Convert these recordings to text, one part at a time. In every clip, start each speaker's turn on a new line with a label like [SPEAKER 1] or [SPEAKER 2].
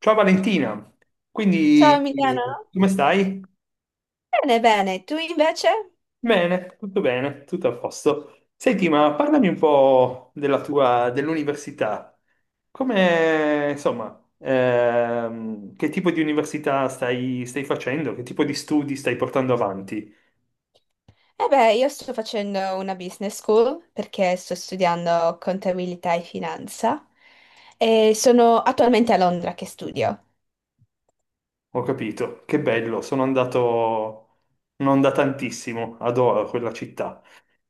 [SPEAKER 1] Ciao Valentina,
[SPEAKER 2] Ciao
[SPEAKER 1] quindi
[SPEAKER 2] Emiliano,
[SPEAKER 1] come stai?
[SPEAKER 2] bene, bene, tu invece?
[SPEAKER 1] Bene, tutto a posto. Senti, ma parlami un po' dell'università. Come, insomma, che tipo di università stai facendo? Che tipo di studi stai portando avanti?
[SPEAKER 2] Eh beh, io sto facendo una business school perché sto studiando contabilità e finanza e sono attualmente a Londra che studio.
[SPEAKER 1] Ho capito, che bello, sono andato, non da tantissimo, adoro quella città.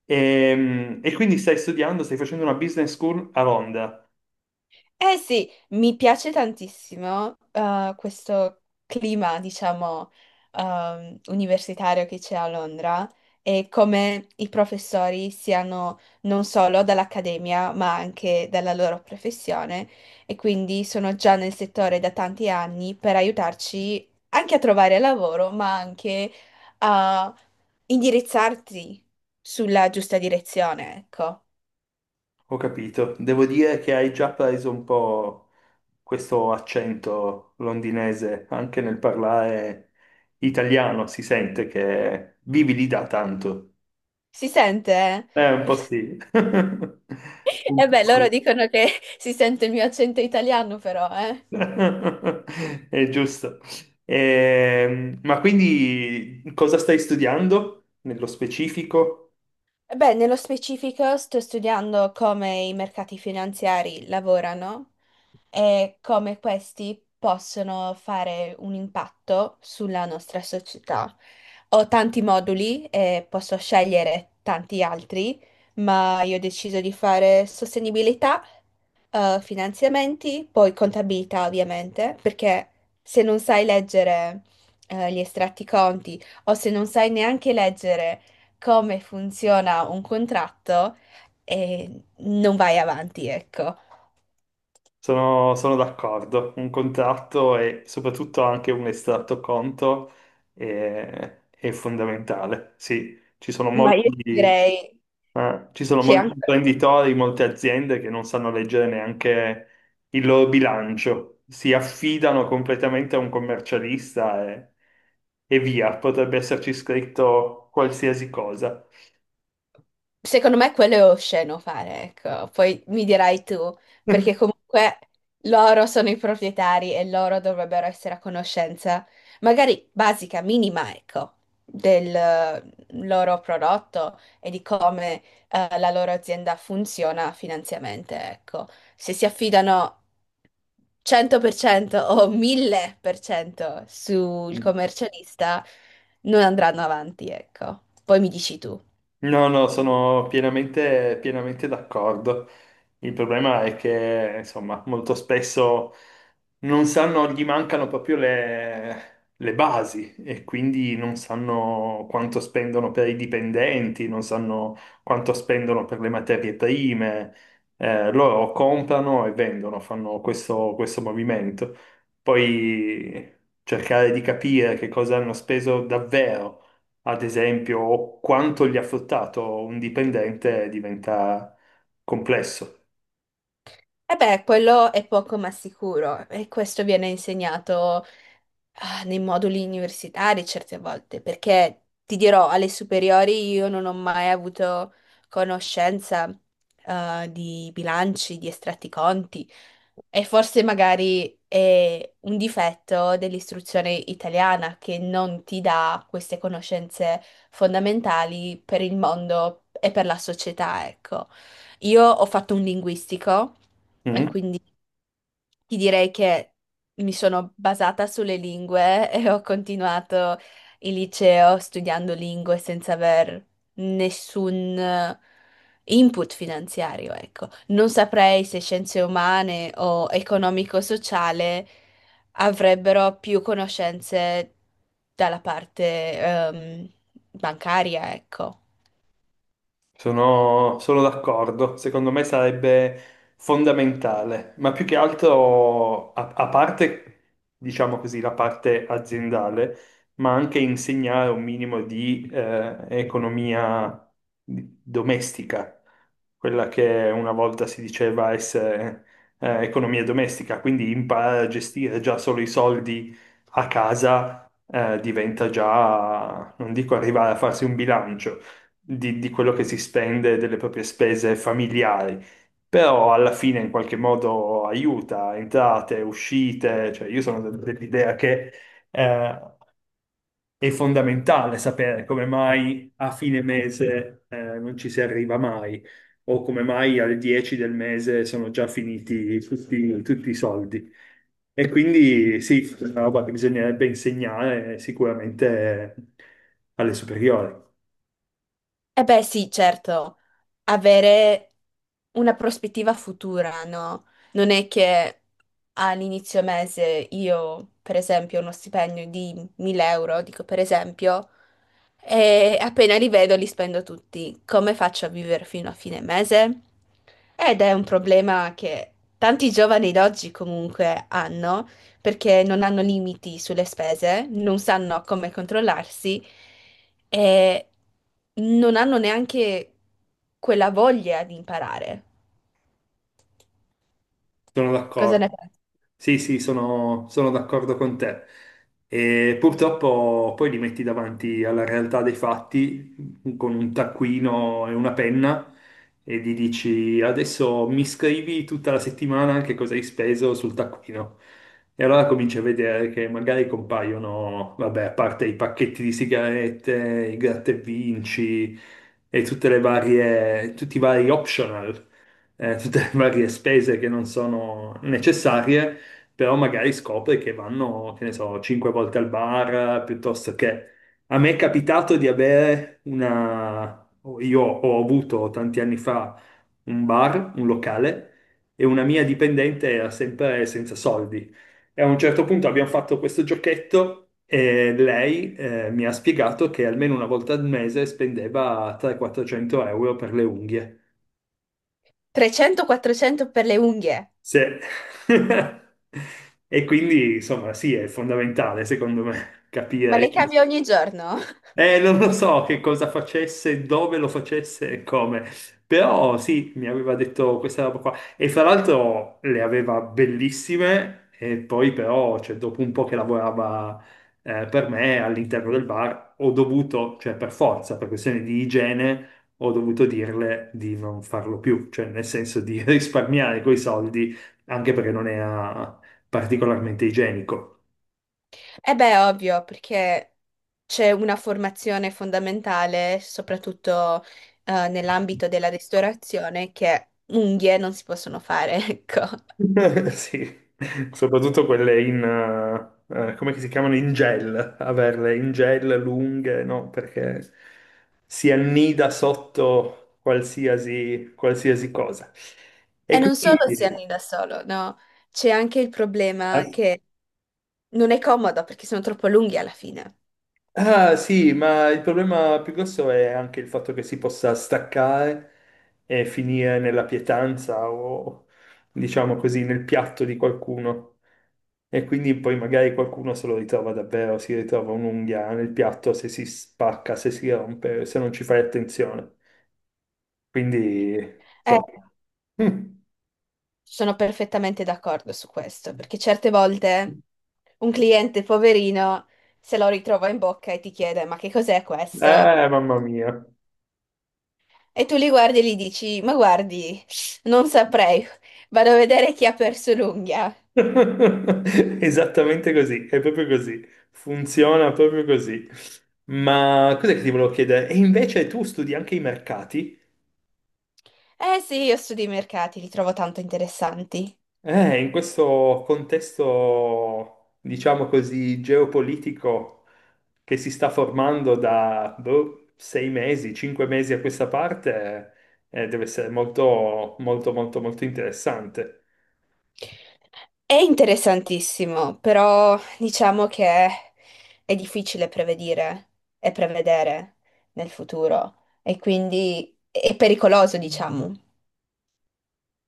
[SPEAKER 1] E quindi stai studiando, stai facendo una business school a Londra.
[SPEAKER 2] Eh sì, mi piace tantissimo questo clima, diciamo, universitario che c'è a Londra e come i professori siano non solo dall'accademia, ma anche dalla loro professione e quindi sono già nel settore da tanti anni per aiutarci anche a trovare lavoro, ma anche a indirizzarti sulla giusta direzione, ecco.
[SPEAKER 1] Ho capito. Devo dire che hai già preso un po' questo accento londinese anche nel parlare italiano, si sente che vivi lì da tanto.
[SPEAKER 2] Si sente? Eh?
[SPEAKER 1] Un po' sì. Un
[SPEAKER 2] E
[SPEAKER 1] po'
[SPEAKER 2] beh, loro
[SPEAKER 1] sì.
[SPEAKER 2] dicono che si sente il mio accento italiano, però, eh.
[SPEAKER 1] È giusto. Ma quindi cosa stai studiando nello specifico?
[SPEAKER 2] Beh, nello specifico sto studiando come i mercati finanziari lavorano e come questi possono fare un impatto sulla nostra società. Ho tanti moduli e posso scegliere tanti altri, ma io ho deciso di fare sostenibilità finanziamenti, poi contabilità ovviamente, perché se non sai leggere gli estratti conti o se non sai neanche leggere come funziona un contratto, non vai avanti, ecco.
[SPEAKER 1] Sono d'accordo, un contratto e soprattutto anche un estratto conto è fondamentale. Sì,
[SPEAKER 2] Ma io direi
[SPEAKER 1] ci sono
[SPEAKER 2] c'è
[SPEAKER 1] molti
[SPEAKER 2] anche
[SPEAKER 1] imprenditori, molte aziende che non sanno leggere neanche il loro bilancio, si affidano completamente a un commercialista e via, potrebbe esserci scritto qualsiasi cosa.
[SPEAKER 2] Secondo me quello è osceno fare, ecco. Poi mi dirai tu, perché comunque loro sono i proprietari e loro dovrebbero essere a conoscenza, magari basica, minima, ecco, del loro prodotto e di come la loro azienda funziona finanziariamente, ecco. Se si affidano 100% o 1000% sul commercialista, non andranno avanti, ecco. Poi mi dici tu.
[SPEAKER 1] No, no, sono pienamente, pienamente d'accordo. Il problema è che, insomma, molto spesso non sanno, gli mancano proprio le basi e quindi non sanno quanto spendono per i dipendenti, non sanno quanto spendono per le materie prime. Loro comprano e vendono, fanno questo movimento. Poi cercare di capire che cosa hanno speso davvero ad esempio, quanto gli ha fruttato un dipendente diventa complesso.
[SPEAKER 2] E beh, quello è poco ma sicuro e questo viene insegnato nei moduli universitari certe volte, perché ti dirò, alle superiori io non ho mai avuto conoscenza di bilanci, di estratti conti e forse magari è un difetto dell'istruzione italiana che non ti dà queste conoscenze fondamentali per il mondo e per la società, ecco. Io ho fatto un linguistico. E
[SPEAKER 1] Mm?
[SPEAKER 2] quindi ti direi che mi sono basata sulle lingue e ho continuato il liceo studiando lingue senza aver nessun input finanziario, ecco. Non saprei se scienze umane o economico-sociale avrebbero più conoscenze dalla parte, bancaria, ecco.
[SPEAKER 1] Sono d'accordo, secondo me sarebbe fondamentale, ma più che altro, a parte, diciamo così, la parte aziendale, ma anche insegnare un minimo di economia domestica, quella che una volta si diceva essere economia domestica, quindi imparare a gestire già solo i soldi a casa diventa già, non dico arrivare a farsi un bilancio di quello che si spende, delle proprie spese familiari, però alla fine in qualche modo aiuta entrate, uscite, cioè io sono dell'idea che eh, è fondamentale sapere come mai a fine mese non ci si arriva mai, o come mai alle 10 del mese sono già finiti tutti i soldi. E quindi sì, è una roba che bisognerebbe insegnare sicuramente alle superiori.
[SPEAKER 2] Eh beh, sì, certo, avere una prospettiva futura, no? Non è che all'inizio mese io, per esempio, ho uno stipendio di 1000 euro, dico per esempio, e appena li vedo li spendo tutti. Come faccio a vivere fino a fine mese? Ed è un problema che tanti giovani d'oggi comunque hanno, perché non hanno limiti sulle spese, non sanno come controllarsi e non hanno neanche quella voglia di imparare.
[SPEAKER 1] Sono
[SPEAKER 2] Cosa ne
[SPEAKER 1] d'accordo.
[SPEAKER 2] pensi?
[SPEAKER 1] Sì, sì, sono d'accordo con te. E purtroppo poi li metti davanti alla realtà dei fatti con un taccuino e una penna e gli dici adesso mi scrivi tutta la settimana che cosa hai speso sul taccuino. E allora cominci a vedere che magari compaiono, vabbè, a parte i pacchetti di sigarette, i gratta e vinci e tutti i vari optional, tutte le varie spese che non sono necessarie, però magari scopre che vanno, che ne so, cinque volte al bar, piuttosto che... A me è capitato di avere una... Io ho avuto tanti anni fa un bar, un locale, e una mia dipendente era sempre senza soldi. E a un certo punto abbiamo fatto questo giochetto e lei mi ha spiegato che almeno una volta al mese spendeva 300-400 euro per le unghie.
[SPEAKER 2] 300-400 per le unghie,
[SPEAKER 1] Sì. E quindi, insomma, sì, è fondamentale, secondo me,
[SPEAKER 2] ma
[SPEAKER 1] capire.
[SPEAKER 2] le cambio ogni giorno.
[SPEAKER 1] Non lo so che cosa facesse, dove lo facesse e come, però sì, mi aveva detto questa roba qua, e fra l'altro le aveva bellissime, e poi però, cioè, dopo un po' che lavorava per me all'interno del bar, ho dovuto, cioè per forza, per questioni di igiene, ho dovuto dirle di non farlo più, cioè nel senso di risparmiare quei soldi, anche perché non era particolarmente igienico.
[SPEAKER 2] Eh beh, ovvio, perché c'è una formazione fondamentale, soprattutto nell'ambito della ristorazione, che unghie non si possono fare, ecco.
[SPEAKER 1] Sì, soprattutto quelle come che si chiamano, in gel, averle in gel lunghe, no? Perché si annida sotto qualsiasi, qualsiasi cosa. E
[SPEAKER 2] E non solo si
[SPEAKER 1] quindi,
[SPEAKER 2] hanno da solo, no? C'è anche il problema
[SPEAKER 1] eh,
[SPEAKER 2] che non è comodo perché sono troppo lunghi alla fine.
[SPEAKER 1] ah sì, ma il problema più grosso è anche il fatto che si possa staccare e finire nella pietanza o, diciamo così, nel piatto di qualcuno, e quindi poi magari qualcuno se lo ritrova davvero, si ritrova un'unghia nel piatto se si spacca, se si rompe, se non ci fai attenzione. Quindi,
[SPEAKER 2] Eh,
[SPEAKER 1] insomma.
[SPEAKER 2] sono perfettamente d'accordo su questo,
[SPEAKER 1] Mm.
[SPEAKER 2] perché certe volte un cliente poverino se lo ritrova in bocca e ti chiede: ma che cos'è questo?
[SPEAKER 1] Mamma mia.
[SPEAKER 2] E tu li guardi e gli dici, ma guardi, non saprei, vado a vedere chi ha perso l'unghia.
[SPEAKER 1] Esattamente così, è proprio così, funziona proprio così. Ma cos'è che ti volevo chiedere? E invece tu studi anche i mercati?
[SPEAKER 2] Eh sì, io studio i mercati, li trovo tanto interessanti.
[SPEAKER 1] In questo contesto, diciamo così, geopolitico che si sta formando da boh, 6 mesi, 5 mesi a questa parte, deve essere molto, molto, molto, molto interessante.
[SPEAKER 2] È interessantissimo, però diciamo che è difficile prevedire e prevedere nel futuro e quindi è pericoloso, diciamo,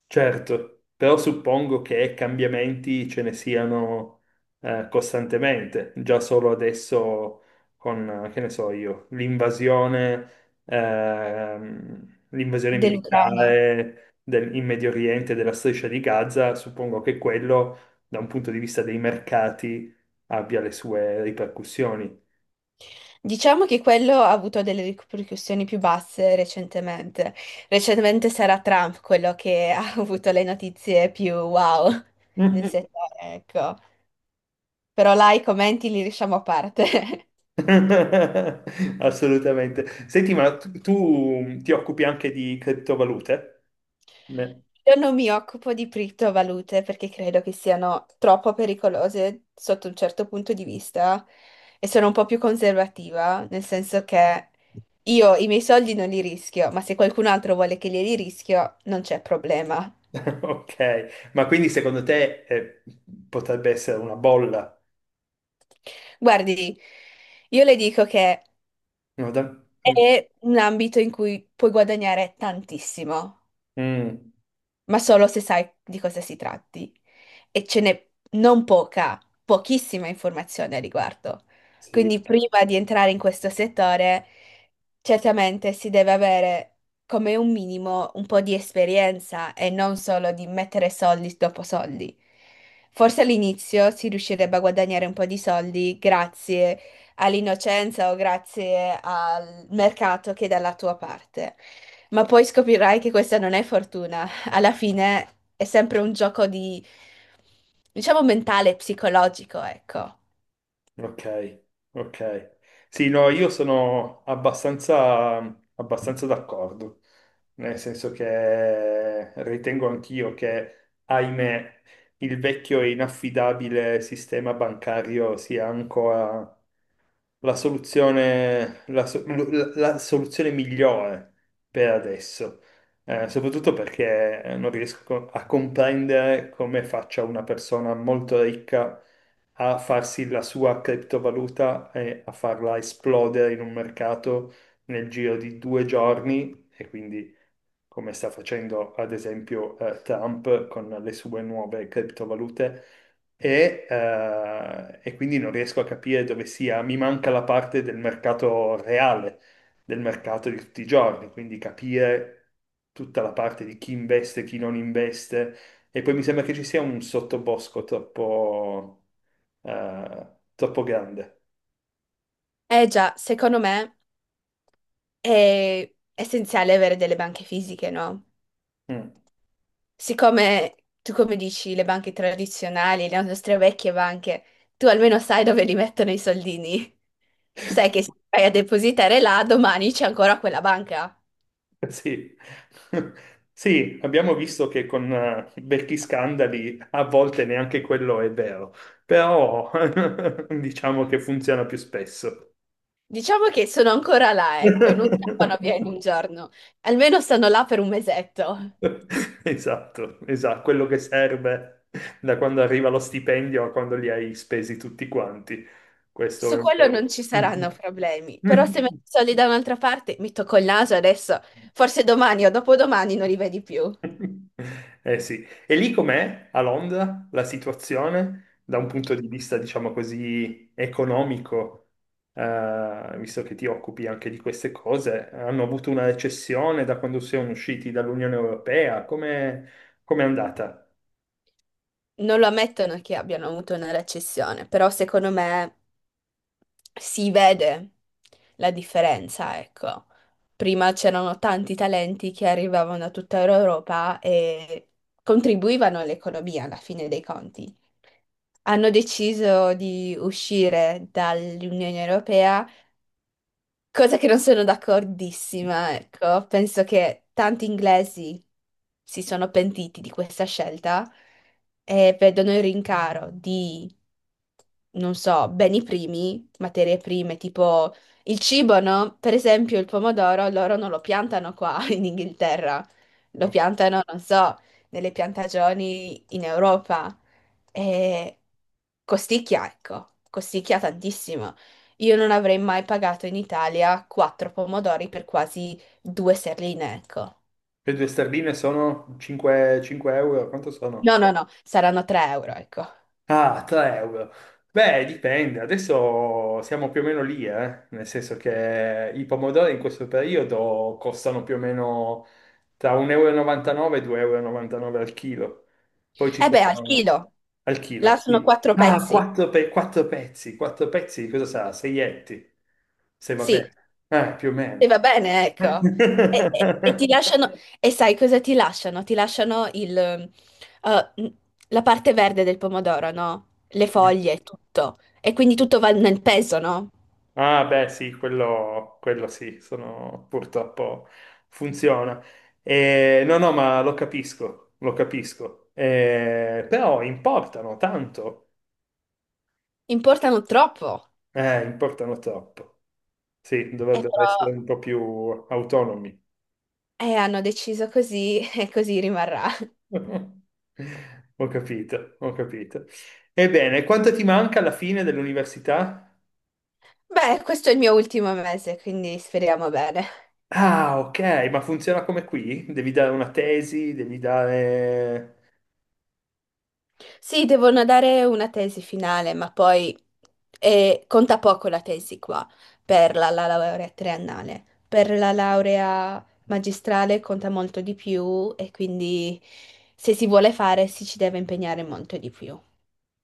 [SPEAKER 1] Certo, però suppongo che cambiamenti ce ne siano, costantemente, già solo adesso con, che ne so io, l'invasione
[SPEAKER 2] dell'Ucraina.
[SPEAKER 1] militare in Medio Oriente della striscia di Gaza. Suppongo che quello, da un punto di vista dei mercati, abbia le sue ripercussioni.
[SPEAKER 2] Diciamo che quello ha avuto delle ripercussioni più basse recentemente. Recentemente sarà Trump quello che ha avuto le notizie più wow nel
[SPEAKER 1] Mm-mm.
[SPEAKER 2] settore, ecco. Però là i commenti li lasciamo a parte.
[SPEAKER 1] Assolutamente. Senti, ma tu ti occupi anche di criptovalute?
[SPEAKER 2] Io non mi occupo di criptovalute perché credo che siano troppo pericolose sotto un certo punto di vista e sono un po' più conservativa, nel senso che io i miei soldi non li rischio, ma se qualcun altro vuole che li rischio, non c'è problema.
[SPEAKER 1] Ok, ma quindi secondo te, potrebbe essere una bolla?
[SPEAKER 2] Guardi, io le dico che
[SPEAKER 1] No, mm,
[SPEAKER 2] è un ambito in cui puoi guadagnare tantissimo,
[SPEAKER 1] mm,
[SPEAKER 2] ma solo se sai di cosa si tratti. E ce n'è non poca, pochissima informazione a riguardo.
[SPEAKER 1] sì,
[SPEAKER 2] Quindi prima di entrare in questo settore, certamente si deve avere come un minimo un po' di esperienza e non solo di mettere soldi dopo soldi. Forse all'inizio si riuscirebbe a guadagnare un po' di soldi grazie all'innocenza o grazie al mercato che è dalla tua parte, ma poi scoprirai che questa non è fortuna, alla fine è sempre un gioco di, diciamo, mentale e psicologico, ecco.
[SPEAKER 1] ok, ok. Sì, no, io sono abbastanza d'accordo, nel senso che ritengo anch'io che, ahimè, il vecchio e inaffidabile sistema bancario sia la soluzione, la, so- la- la soluzione migliore per adesso. Soprattutto perché non riesco a comprendere come faccia una persona molto ricca a farsi la sua criptovaluta e a farla esplodere in un mercato nel giro di 2 giorni, e quindi come sta facendo ad esempio Trump con le sue nuove criptovalute. E e quindi non riesco a capire dove sia, mi manca la parte del mercato reale, del mercato di tutti i giorni, quindi capire tutta la parte di chi investe, chi non investe, e poi mi sembra che ci sia un sottobosco eh, troppo grande.
[SPEAKER 2] Eh già, secondo me è essenziale avere delle banche fisiche, no?
[SPEAKER 1] Mm.
[SPEAKER 2] Siccome tu, come dici, le banche tradizionali, le nostre vecchie banche, tu almeno sai dove li mettono i soldini. Sai che se vai a depositare là, domani c'è ancora quella banca.
[SPEAKER 1] Sì. Sì, abbiamo visto che con vecchi scandali a volte neanche quello è vero, però diciamo che funziona più spesso.
[SPEAKER 2] Diciamo che sono ancora là, ecco, non scappano via in un giorno. Almeno stanno là per un mesetto.
[SPEAKER 1] Esatto, esatto, quello che serve da quando arriva lo stipendio a quando li hai spesi tutti quanti. Questo
[SPEAKER 2] Su
[SPEAKER 1] è un
[SPEAKER 2] quello
[SPEAKER 1] po'.
[SPEAKER 2] non ci saranno problemi, però se metto i soldi da un'altra parte, mi tocco il naso adesso, forse domani o dopodomani non li vedi più.
[SPEAKER 1] Eh sì, e lì com'è a Londra la situazione da un punto di vista, diciamo così, economico? Visto che ti occupi anche di queste cose, hanno avuto una recessione da quando siamo usciti dall'Unione Europea? Come è andata?
[SPEAKER 2] Non lo ammettono che abbiano avuto una recessione, però secondo me si vede la differenza, ecco. Prima c'erano tanti talenti che arrivavano da tutta Europa e contribuivano all'economia alla fine dei conti. Hanno deciso di uscire dall'Unione Europea. Cosa che non sono d'accordissima, ecco. Penso che tanti inglesi si sono pentiti di questa scelta e vedono il rincaro di, non so, beni primi, materie prime, tipo il cibo, no? Per esempio il pomodoro, loro non lo piantano qua in Inghilterra, lo
[SPEAKER 1] Le
[SPEAKER 2] piantano, non so, nelle piantagioni in Europa. E costicchia, ecco, costicchia tantissimo. Io non avrei mai pagato in Italia quattro pomodori per quasi due sterline, ecco.
[SPEAKER 1] due sterline sono 5, 5 euro, quanto
[SPEAKER 2] No,
[SPEAKER 1] sono?
[SPEAKER 2] no, no, saranno 3 euro, ecco.
[SPEAKER 1] Ah, 3 euro. Beh, dipende, adesso siamo più o meno lì, eh? Nel senso che i pomodori in questo periodo costano più o meno tra 1,99 e 2,99 euro e novantanove al chilo. Poi ci
[SPEAKER 2] Eh beh, al
[SPEAKER 1] sono
[SPEAKER 2] chilo.
[SPEAKER 1] al
[SPEAKER 2] Là
[SPEAKER 1] chilo,
[SPEAKER 2] sono
[SPEAKER 1] sì.
[SPEAKER 2] quattro
[SPEAKER 1] Ah,
[SPEAKER 2] pezzi.
[SPEAKER 1] 4 pezzi, di cosa sarà? 6 etti, se va
[SPEAKER 2] Sì,
[SPEAKER 1] bene. Più o
[SPEAKER 2] e
[SPEAKER 1] meno.
[SPEAKER 2] va bene, ecco. E, e ti lasciano, e sai cosa ti lasciano? Ti lasciano il, la parte verde del pomodoro, no? Le
[SPEAKER 1] Sì.
[SPEAKER 2] foglie, tutto. E quindi tutto va nel peso, no?
[SPEAKER 1] Ah, beh, sì, quello sì, sono, purtroppo funziona. No, no, ma lo capisco, lo capisco. Però importano tanto,
[SPEAKER 2] Importano troppo.
[SPEAKER 1] importano troppo. Sì,
[SPEAKER 2] E
[SPEAKER 1] dovrebbero
[SPEAKER 2] però,
[SPEAKER 1] essere un po' più autonomi.
[SPEAKER 2] hanno deciso così e così rimarrà.
[SPEAKER 1] Ho capito, ho capito. Ebbene, quanto ti manca alla fine dell'università?
[SPEAKER 2] Beh, questo è il mio ultimo mese, quindi speriamo bene.
[SPEAKER 1] Ah, ok, ma funziona come qui? Devi dare una tesi, devi dare...
[SPEAKER 2] Sì, devono dare una tesi finale, ma poi conta poco la tesi qua per la laurea triennale. Per la laurea magistrale conta molto di più e quindi se si vuole fare si ci deve impegnare molto di più.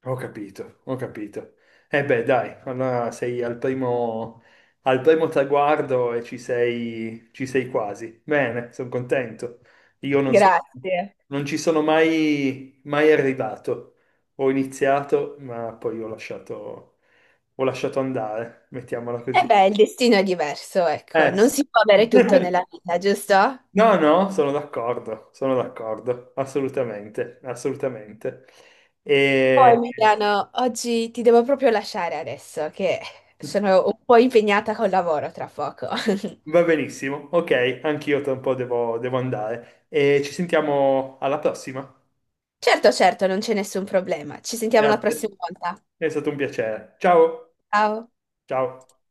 [SPEAKER 1] Ho capito, ho capito. E beh, dai, allora sei al primo traguardo e ci sei quasi. Bene, sono contento. Io non so,
[SPEAKER 2] Grazie.
[SPEAKER 1] non ci sono mai, mai arrivato. Ho iniziato, ma poi ho lasciato andare, mettiamola
[SPEAKER 2] E
[SPEAKER 1] così.
[SPEAKER 2] beh, il destino è diverso, ecco,
[SPEAKER 1] Eh
[SPEAKER 2] non
[SPEAKER 1] sì.
[SPEAKER 2] si può avere tutto nella vita, giusto?
[SPEAKER 1] No, no, sono d'accordo, assolutamente, assolutamente.
[SPEAKER 2] Oh,
[SPEAKER 1] E...
[SPEAKER 2] Emiliano, oggi ti devo proprio lasciare adesso che sono un po' impegnata col lavoro tra poco.
[SPEAKER 1] Va benissimo, ok, anch'io tra un po' devo andare. E ci sentiamo alla prossima.
[SPEAKER 2] Certo, certo, non c'è nessun problema. Ci sentiamo la
[SPEAKER 1] Grazie,
[SPEAKER 2] prossima volta.
[SPEAKER 1] è stato un piacere. Ciao,
[SPEAKER 2] Ciao.
[SPEAKER 1] ciao.